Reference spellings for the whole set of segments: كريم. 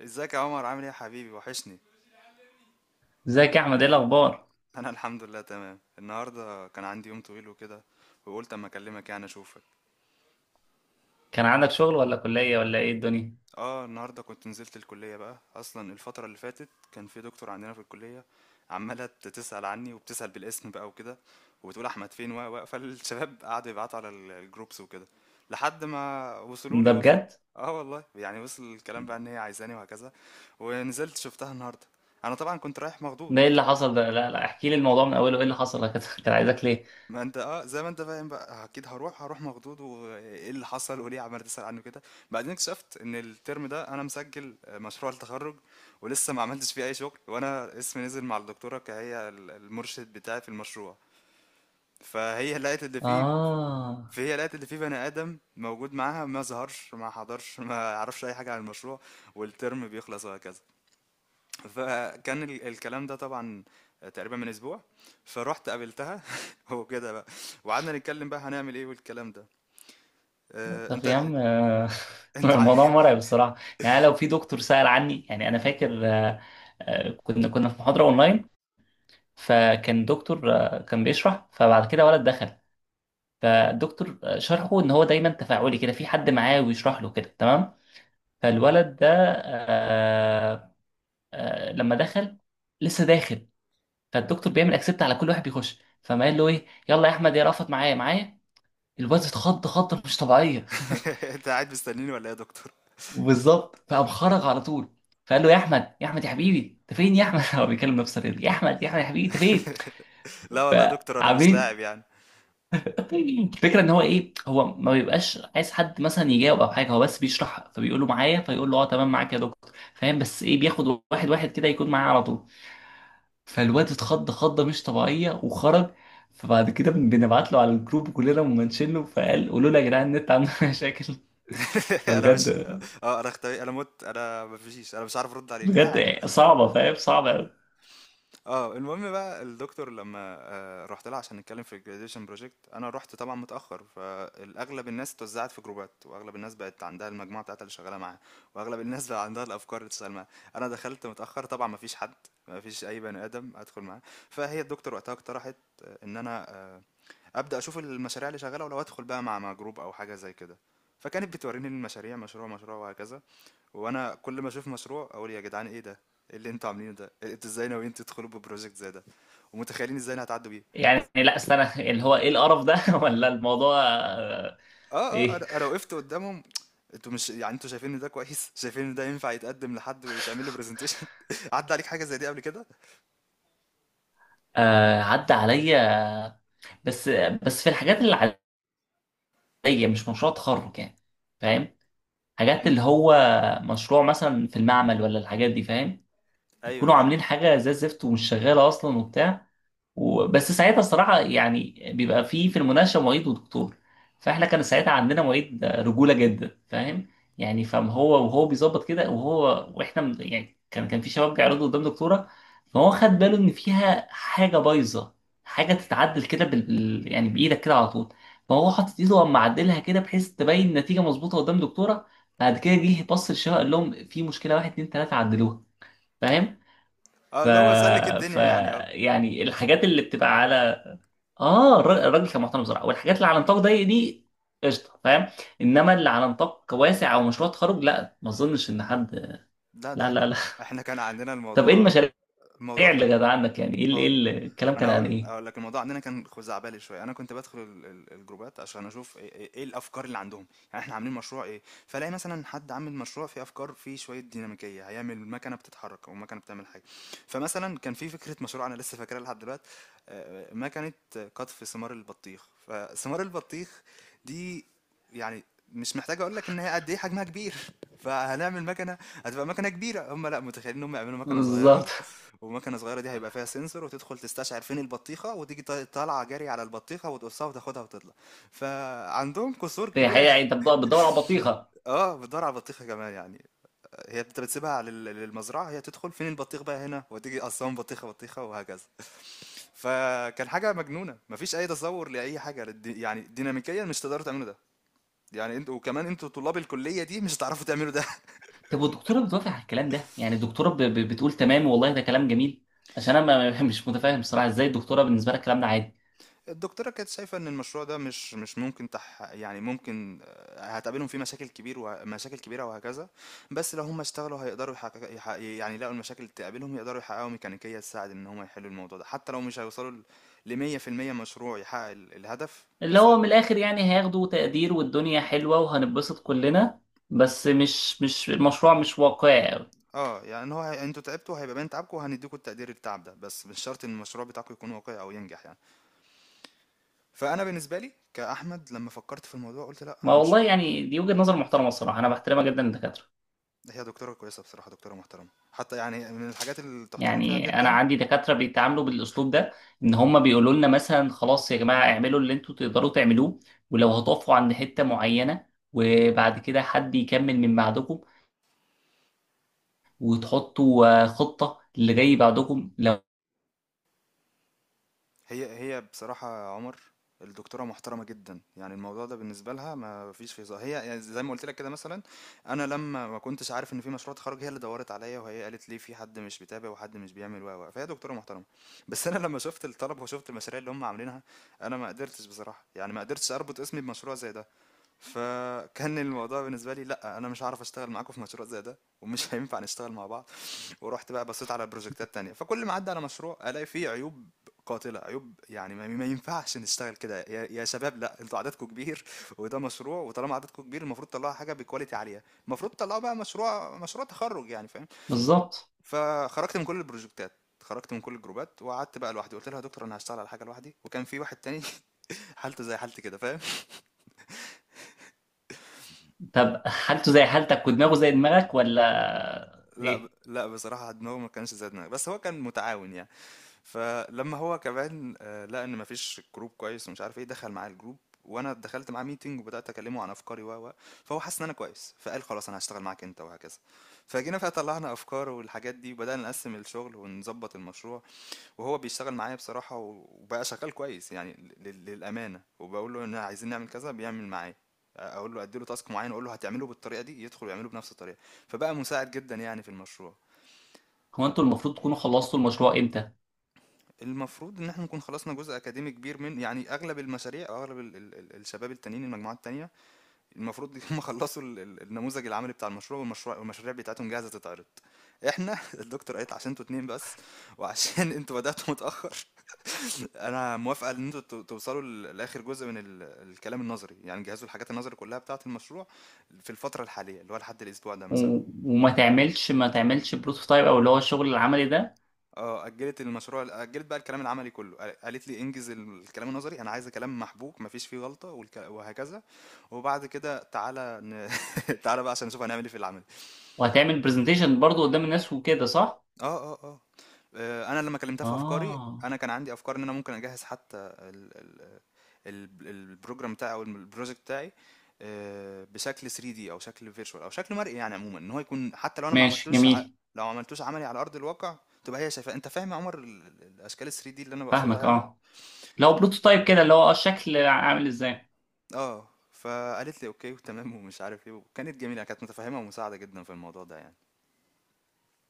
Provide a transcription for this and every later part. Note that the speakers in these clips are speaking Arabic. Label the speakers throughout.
Speaker 1: ازيك يا عمر؟ عامل ايه يا حبيبي؟ وحشني.
Speaker 2: ازيك يا احمد، ايه الاخبار؟
Speaker 1: انا الحمد لله تمام. النهارده كان عندي يوم طويل وكده، وقلت اما اكلمك يعني اشوفك.
Speaker 2: كان عندك شغل ولا كليه ولا ايه الدنيا؟
Speaker 1: اه، النهارده كنت نزلت الكليه بقى. اصلا الفتره اللي فاتت كان في دكتور عندنا في الكليه عماله تسال عني، وبتسال بالاسم بقى وكده، وبتقول احمد فين، و فالشباب قعدوا يبعتوا على الجروبس وكده لحد ما وصلوا لي.
Speaker 2: ده بجد؟
Speaker 1: اه والله، يعني وصل الكلام بقى ان هي عايزاني وهكذا، ونزلت شفتها النهارده. انا طبعا كنت رايح مخضوض.
Speaker 2: ده ايه اللي حصل ده؟ لا لا، احكي لي الموضوع من اوله. ايه اللي حصل؟ انا كنت عايزك ليه؟
Speaker 1: ما انت اه، زي ما انت فاهم بقى، اكيد هروح مخضوض، وايه اللي حصل، وليه عمال تسأل عنه كده. بعدين اكتشفت ان الترم ده انا مسجل مشروع التخرج، ولسه ما عملتش فيه اي شغل، وانا اسمي نزل مع الدكتوره كهي المرشد بتاعي في المشروع. فهي لقت اللي فيه،
Speaker 2: اه.
Speaker 1: فهي لقت اللي فيه بني ادم موجود معاها، ما ظهرش ما حضرش ما عرفش اي حاجه عن المشروع، والترم بيخلص وهكذا. فكان الكلام ده طبعا تقريبا من اسبوع. فروحت قابلتها وكده بقى، وقعدنا نتكلم بقى هنعمل ايه والكلام ده. آه،
Speaker 2: طب
Speaker 1: انت
Speaker 2: يا عم.
Speaker 1: انت ع-
Speaker 2: الموضوع مرعب الصراحه. يعني لو في دكتور سأل عني، يعني انا فاكر، كنا في محاضره اونلاين، فكان دكتور كان بيشرح. فبعد كده ولد دخل، فالدكتور شرحه ان هو دايما تفاعلي كده، في حد معاه ويشرح له كده، تمام؟ فالولد ده، آه، لما دخل، لسه داخل، فالدكتور بيعمل اكسبت على كل واحد بيخش، فما قال له ايه، يلا يا احمد يا رفض معايا الواد اتخض خضه مش طبيعيه.
Speaker 1: انت قاعد مستنيني ولا ايه يا دكتور؟
Speaker 2: بالظبط، فقام خرج على طول. فقال له يا احمد، يا احمد يا حبيبي، انت فين يا احمد؟ هو بيكلم نفسه كده، يا احمد يا احمد يا حبيبي انت فين.
Speaker 1: لا والله يا دكتور، انا مش
Speaker 2: فعاملين،
Speaker 1: لاعب يعني.
Speaker 2: الفكره ان هو ايه، هو ما بيبقاش عايز حد مثلا يجاوب او حاجه، هو بس بيشرح، فبيقول له معايا، فيقول له اه تمام معاك يا دكتور فاهم، بس ايه، بياخد واحد واحد كده يكون معاه على طول. فالواد اتخض خضه مش طبيعيه وخرج. فبعد كده بنبعت له على الجروب، كلنا منشن له، فقال قولوا له يا جدعان النت عنده مشاكل.
Speaker 1: انا مش
Speaker 2: فبجد،
Speaker 1: اه، انا اختفي، انا مت، انا مفيش، انا مش عارف ارد عليك اي حاجه.
Speaker 2: بجد صعبه، فاهم؟ صعبه قوي.
Speaker 1: آه، المهم بقى، الدكتور لمّا رُحت لها عشان نتكلم في الgraduation project، أنا رُحت طبعًا متأخر، فالأغلب الناس اتوزعت في جروبات، وأغلب الناس بقت عندها المجموعة بتاعتها اللي شغالة معاها، وأغلب الناس بقى عندها الأفكار اللي تشتغل معاها. أنا دخلت متأخر طبعًا، ما فيش حد، ما فيش أي بني آدم أدخل معاه. فهي الدكتور وقتها اقترحت إن أنا أبدأ أشوف المشاريع اللي شغالة، ولو أدخل بقى مع جروب أو حاجة زي كده. فكانت بتوريني المشاريع، مشروع، مشروع وهكذا. وانا كل ما اشوف مشروع اقول يا جدعان ايه ده؟ ايه اللي انتوا عاملينه ده؟ انتوا ازاي ناويين تدخلوا ببروجكت زي ده؟ ومتخيلين ازاي انا هتعدوا بيه؟
Speaker 2: يعني لا استنى، اللي هو ايه القرف ده؟ ولا الموضوع
Speaker 1: اه
Speaker 2: ايه.
Speaker 1: أنا وقفت قدامهم. انتوا مش يعني انتوا شايفين ان ده كويس؟ شايفين ان ده ينفع يتقدم لحد ويتعمل له برزنتيشن؟ عدى عليك حاجه زي دي قبل كده؟
Speaker 2: آه، عدى عليا، بس بس في الحاجات اللي عليا، مش مشروع تخرج، يعني فاهم؟ حاجات
Speaker 1: امم،
Speaker 2: اللي هو مشروع مثلا في المعمل ولا الحاجات دي، فاهم؟
Speaker 1: ايوه
Speaker 2: يكونوا
Speaker 1: فاهم.
Speaker 2: عاملين حاجه زي الزفت ومش شغاله اصلا وبتاع. وبس ساعتها الصراحة يعني بيبقى في في المناقشة معيد ودكتور. فاحنا كان ساعتها عندنا معيد رجولة جدا، فاهم يعني؟ فاهم هو وهو بيظبط كده، وهو واحنا يعني كان في شباب بيعرضوا قدام دكتورة، فهو خد باله ان فيها حاجة بايظة، حاجة تتعدل كده يعني بإيدك كده على طول. فهو حاطط ايده وقام معدلها كده بحيث تبين النتيجة مظبوطة قدام دكتورة. بعد كده جه بص للشباب، قال لهم في مشكلة واحد اتنين تلاتة، عدلوها. فاهم؟
Speaker 1: اه،
Speaker 2: ف...
Speaker 1: اللي هو سلك
Speaker 2: ف
Speaker 1: الدنيا يعني، اه.
Speaker 2: يعني الحاجات اللي بتبقى على، اه، الراجل كان محترم بصراحه، والحاجات اللي على نطاق ضيق دي قشطه، فاهم؟ انما اللي على نطاق واسع او مشروع تخرج، لا، ما اظنش ان حد.
Speaker 1: لا، ده
Speaker 2: لا لا
Speaker 1: احنا،
Speaker 2: لا
Speaker 1: احنا كان عندنا
Speaker 2: طب ايه
Speaker 1: الموضوع.
Speaker 2: المشاريع
Speaker 1: الموضوع خ-
Speaker 2: اللي كانت عندك؟ يعني ايه ايه
Speaker 1: مو-
Speaker 2: الكلام
Speaker 1: ما انا
Speaker 2: كان عن ايه؟
Speaker 1: هقول لك، الموضوع عندنا كان خزعبلي شويه. انا كنت بدخل الجروبات عشان اشوف ايه، إيه الافكار اللي عندهم، يعني احنا عاملين مشروع ايه. فلاقي مثلا حد عامل مشروع فيه افكار، فيه شويه ديناميكيه، هيعمل مكنه بتتحرك او مكنه بتعمل حاجه. فمثلا كان في فكره مشروع انا لسه فاكرها لحد دلوقتي، مكنه قطف ثمار البطيخ. فثمار البطيخ دي يعني مش محتاج اقول لك ان هي قد ايه حجمها كبير. فهنعمل مكنه هتبقى مكنه كبيره؟ هم لا، متخيلين ان هم يعملوا مكنه
Speaker 2: بالظبط.
Speaker 1: صغيره، ومكنه صغيره دي هيبقى فيها سنسور، وتدخل تستشعر فين البطيخه، وتيجي طالعه جري على البطيخه وتقصها وتاخدها وتطلع. فعندهم قصور
Speaker 2: دي
Speaker 1: كبيره.
Speaker 2: حقيقه؟ يعني انت بتدور على بطيخه؟
Speaker 1: اه، بتدور على البطيخه كمان يعني. هي انت بتسيبها للمزرعه، هي تدخل فين البطيخ بقى هنا وتيجي قصهم بطيخه بطيخه وهكذا. فكان حاجه مجنونه، مفيش اي تصور لاي حاجه يعني ديناميكيا مش تقدروا تعملوا ده. يعني انتوا، وكمان انتوا طلاب الكليه دي، مش هتعرفوا تعملوا ده.
Speaker 2: طب والدكتوره بتوافق على الكلام ده؟ يعني الدكتوره بتقول تمام والله ده كلام جميل؟ عشان انا مش متفاهم بصراحه ازاي الدكتوره بالنسبه لها الكلام ده عادي.
Speaker 1: الدكتورة كانت شايفة إن المشروع ده مش ممكن تح، يعني ممكن، هتقابلهم فيه مشاكل كبير ومشاكل كبيرة وهكذا، بس لو هم اشتغلوا هيقدروا يحقق، يعني لقوا المشاكل اللي تقابلهم، يقدروا يحققوا ميكانيكية تساعد إن هم يحلوا الموضوع ده حتى لو مش هيوصلوا ل 100% مشروع يحقق الهدف
Speaker 2: اللي
Speaker 1: بس.
Speaker 2: هو من الاخر يعني هياخدوا تقدير والدنيا حلوة وهنتبسط كلنا، بس مش، مش المشروع مش واقعي قوي.
Speaker 1: اه، يعني إن هو انتوا تعبتوا، هيبقى باين تعبكم وهنديكوا التقدير التعب ده، بس مش شرط ان المشروع بتاعكم يكون واقعي او ينجح يعني. فانا بالنسبه لي كاحمد، لما فكرت في الموضوع قلت لا،
Speaker 2: ما
Speaker 1: انا مش.
Speaker 2: والله يعني دي وجهة نظر محترمة الصراحة، انا بحترمها جدا الدكاترة.
Speaker 1: هي دكتورة كويسة بصراحة، دكتورة محترمة حتى، يعني من الحاجات اللي تحترم فيها
Speaker 2: يعني انا
Speaker 1: جدا.
Speaker 2: عندي دكاترة بيتعاملوا بالاسلوب ده، ان هم بيقولوا لنا مثلا خلاص يا جماعة اعملوا اللي انتوا تقدروا تعملوه، ولو هتقفوا عند حتة معينة، وبعد كده حد يكمل من بعدكم، وتحطوا خطة اللي جاي بعدكم لو.
Speaker 1: هي بصراحة يا عمر، الدكتورة محترمة جدا، يعني الموضوع ده بالنسبة لها ما فيش فيه هزار. هي يعني زي ما قلت لك كده، مثلا انا لما ما كنتش عارف ان في مشروع تخرج، هي اللي دورت عليا، وهي قالت لي في حد مش بيتابع وحد مش بيعمل، و فهي دكتورة محترمة. بس انا لما شفت الطلب وشفت المشاريع اللي هم عاملينها، انا ما قدرتش بصراحة، يعني ما قدرتش اربط اسمي بمشروع زي ده. فكان الموضوع بالنسبة لي لا، انا مش هعرف اشتغل معاكم في مشروع زي ده، ومش هينفع نشتغل مع بعض. ورحت بقى بصيت على بروجكتات تانية، فكل ما اعدي على مشروع الاقي فيه عيوب قاتلة، عيوب يعني ما ينفعش نشتغل كده يا شباب. لا، انتوا عددكم كبير، وده مشروع، وطالما عددكم كبير المفروض تطلعوا حاجة بكواليتي عالية. المفروض تطلعوا بقى مشروع، مشروع تخرج يعني، فاهم.
Speaker 2: بالظبط.
Speaker 1: فخرجت من كل البروجكتات، خرجت من كل الجروبات وقعدت بقى لوحدي. قلت لها يا دكتور انا هشتغل على حاجه لوحدي. وكان في واحد تاني حالته زي حالتي كده، فاهم.
Speaker 2: طب حالته زي حالتك ودماغه زي دماغك ولا ايه؟
Speaker 1: لا بصراحه دماغه ما كانش زي دماغي، بس هو كان متعاون يعني. فلما هو كمان لقى ان مفيش جروب كويس ومش عارف ايه، دخل معاه الجروب. وانا دخلت معاه ميتنج وبدات اكلمه عن افكاري، و فهو حس ان انا كويس فقال خلاص انا هشتغل معاك انت وهكذا. فجينا فيها طلعنا افكار والحاجات دي، وبدانا نقسم الشغل ونظبط المشروع. وهو بيشتغل معايا بصراحه، وبقى شغال كويس يعني للامانه. وبقول له ان عايزين نعمل كذا بيعمل معايا، اقول له اديله تاسك معين اقول له هتعمله بالطريقه دي، يدخل ويعمله بنفس الطريقه. فبقى مساعد جدا يعني في المشروع.
Speaker 2: هو انتوا المفروض تكونوا خلصتوا المشروع امتى؟
Speaker 1: المفروض ان احنا نكون خلصنا جزء اكاديمي كبير، من يعني اغلب المشاريع او اغلب ال ال ال الشباب التانيين، المجموعات التانية. المفروض هم خلصوا ال ال النموذج العملي بتاع المشروع، والمشروع والمشاريع بتاعتهم جاهزة تتعرض. احنا الدكتور قالت عشان انتوا اتنين بس، وعشان انتوا بدأتوا متأخر، انا موافقة ان انتوا توصلوا لاخر جزء من الكلام النظري، يعني جهزوا الحاجات النظري كلها بتاعة المشروع في الفترة الحالية اللي هو لحد الاسبوع ده
Speaker 2: و...
Speaker 1: مثلا.
Speaker 2: وما تعملش ما تعملش بروتوتايب، او اللي هو الشغل العملي ده؟
Speaker 1: اه، اجلت المشروع، اجلت بقى الكلام العملي كله. قالت لي انجز الكلام النظري، انا عايزه كلام محبوك مفيش فيه غلطه وهكذا، وبعد كده تعالى تعالى بقى عشان نشوف هنعمل ايه في العمل.
Speaker 2: وهتعمل برزنتيشن برضو قدام الناس وكده، صح؟
Speaker 1: اه اه اه آه، انا لما كلمتها في افكاري،
Speaker 2: اه،
Speaker 1: انا كان عندي افكار ان انا ممكن اجهز حتى البروجرام بتاعي او البروجكت بتاعي، آه، بشكل 3D او شكل فيرتشوال او شكل مرئي، يعني عموما ان هو يكون حتى لو انا ما
Speaker 2: ماشي،
Speaker 1: عملتوش
Speaker 2: جميل.
Speaker 1: لو ما عملتوش عملي على ارض الواقع، تبقى هي شايفاه. انت فاهم يا عمر الاشكال ال 3D اللي انا بقصدها
Speaker 2: فاهمك،
Speaker 1: يعني.
Speaker 2: اه. لو بروتوتايب كده، اللي هو اه الشكل عامل ازاي.
Speaker 1: اه، فقالت لي اوكي وتمام ومش عارف ايه، وكانت جميله، كانت متفهمه ومساعده جدا في الموضوع ده يعني.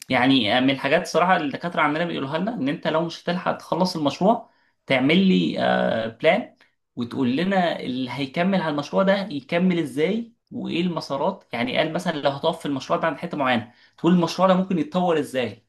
Speaker 2: يعني من الحاجات صراحة اللي الدكاترة عندنا بيقولوها لنا، إن أنت لو مش هتلحق تخلص المشروع، تعمل لي بلان، وتقول لنا اللي هيكمل على المشروع ده يكمل إزاي وإيه المسارات. يعني قال مثلا لو هتقف في المشروع ده عند حتة معينة، تقول المشروع ده ممكن يتطور إزاي،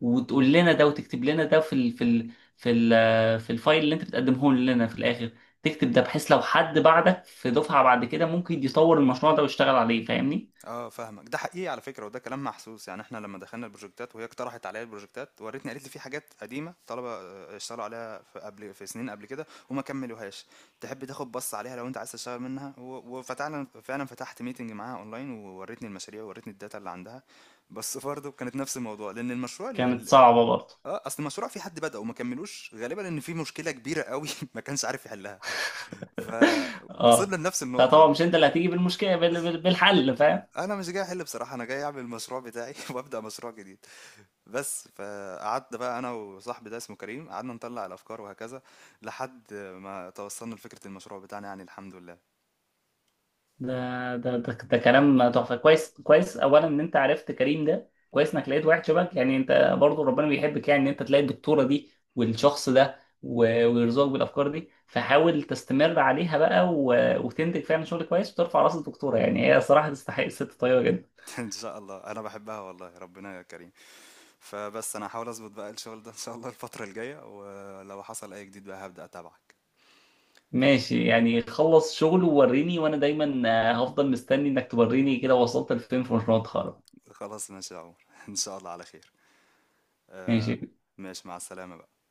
Speaker 2: وتقول لنا ده وتكتب لنا ده في ال في الفايل اللي أنت بتقدمه لنا في الآخر، تكتب ده بحيث لو حد بعدك في دفعة بعد كده ممكن يطور المشروع ده ويشتغل عليه. فاهمني؟
Speaker 1: اه فاهمك، ده حقيقي على فكره، وده كلام محسوس. يعني احنا لما دخلنا البروجكتات وهي اقترحت عليا البروجكتات، وريتني قالت لي في حاجات قديمه طلبه اشتغلوا عليها في قبل، في سنين قبل كده، وما كملوهاش. تحب تاخد بص عليها لو انت عايز تشتغل منها؟ وفتحنا فعلا، فتحت ميتنج معاها اونلاين ووريتني المشاريع ووريتني الداتا اللي عندها، بس برضه كانت نفس الموضوع، لان المشروع
Speaker 2: كانت صعبة برضه؟
Speaker 1: اه، اصل المشروع في حد بدأ وما كملوش، غالبا ان في مشكله كبيره قوي ما كانش عارف يحلها. فوصلنا
Speaker 2: اه،
Speaker 1: لنفس النقطة
Speaker 2: فطبعا مش انت اللي هتيجي بالمشكله بالحل، فاهم؟
Speaker 1: أنا مش جاي أحل بصراحة، أنا جاي أعمل المشروع بتاعي وأبدأ مشروع جديد بس. فقعدت بقى أنا وصاحبي ده، اسمه كريم، قعدنا نطلع الأفكار وهكذا، لحد ما توصلنا لفكرة المشروع بتاعنا يعني الحمد لله.
Speaker 2: ده كلام تحفه. كويس كويس اولا ان انت عرفت كريم ده، كويس انك لقيت واحد شبهك. يعني انت برضو ربنا بيحبك، يعني ان انت تلاقي الدكتوره دي والشخص ده ويرزقك بالافكار دي. فحاول تستمر عليها بقى وتنتج فعلا شغل كويس وترفع راس الدكتوره، يعني هي صراحه تستحق، الست طيبه جدا.
Speaker 1: إن شاء الله، أنا بحبها والله، ربنا يا كريم. فبس أنا هحاول أظبط بقى الشغل ده إن شاء الله الفترة الجاية، ولو حصل أي جديد بقى هبدأ أتابعك.
Speaker 2: ماشي، يعني خلص شغل ووريني. وانا دايما هفضل مستني انك توريني كده وصلت لفين في مشروع التخرج.
Speaker 1: خلاص ماشي يا عمر، إن شاء الله على خير. آه،
Speaker 2: ماشي.
Speaker 1: ماشي، مع السلامة بقى.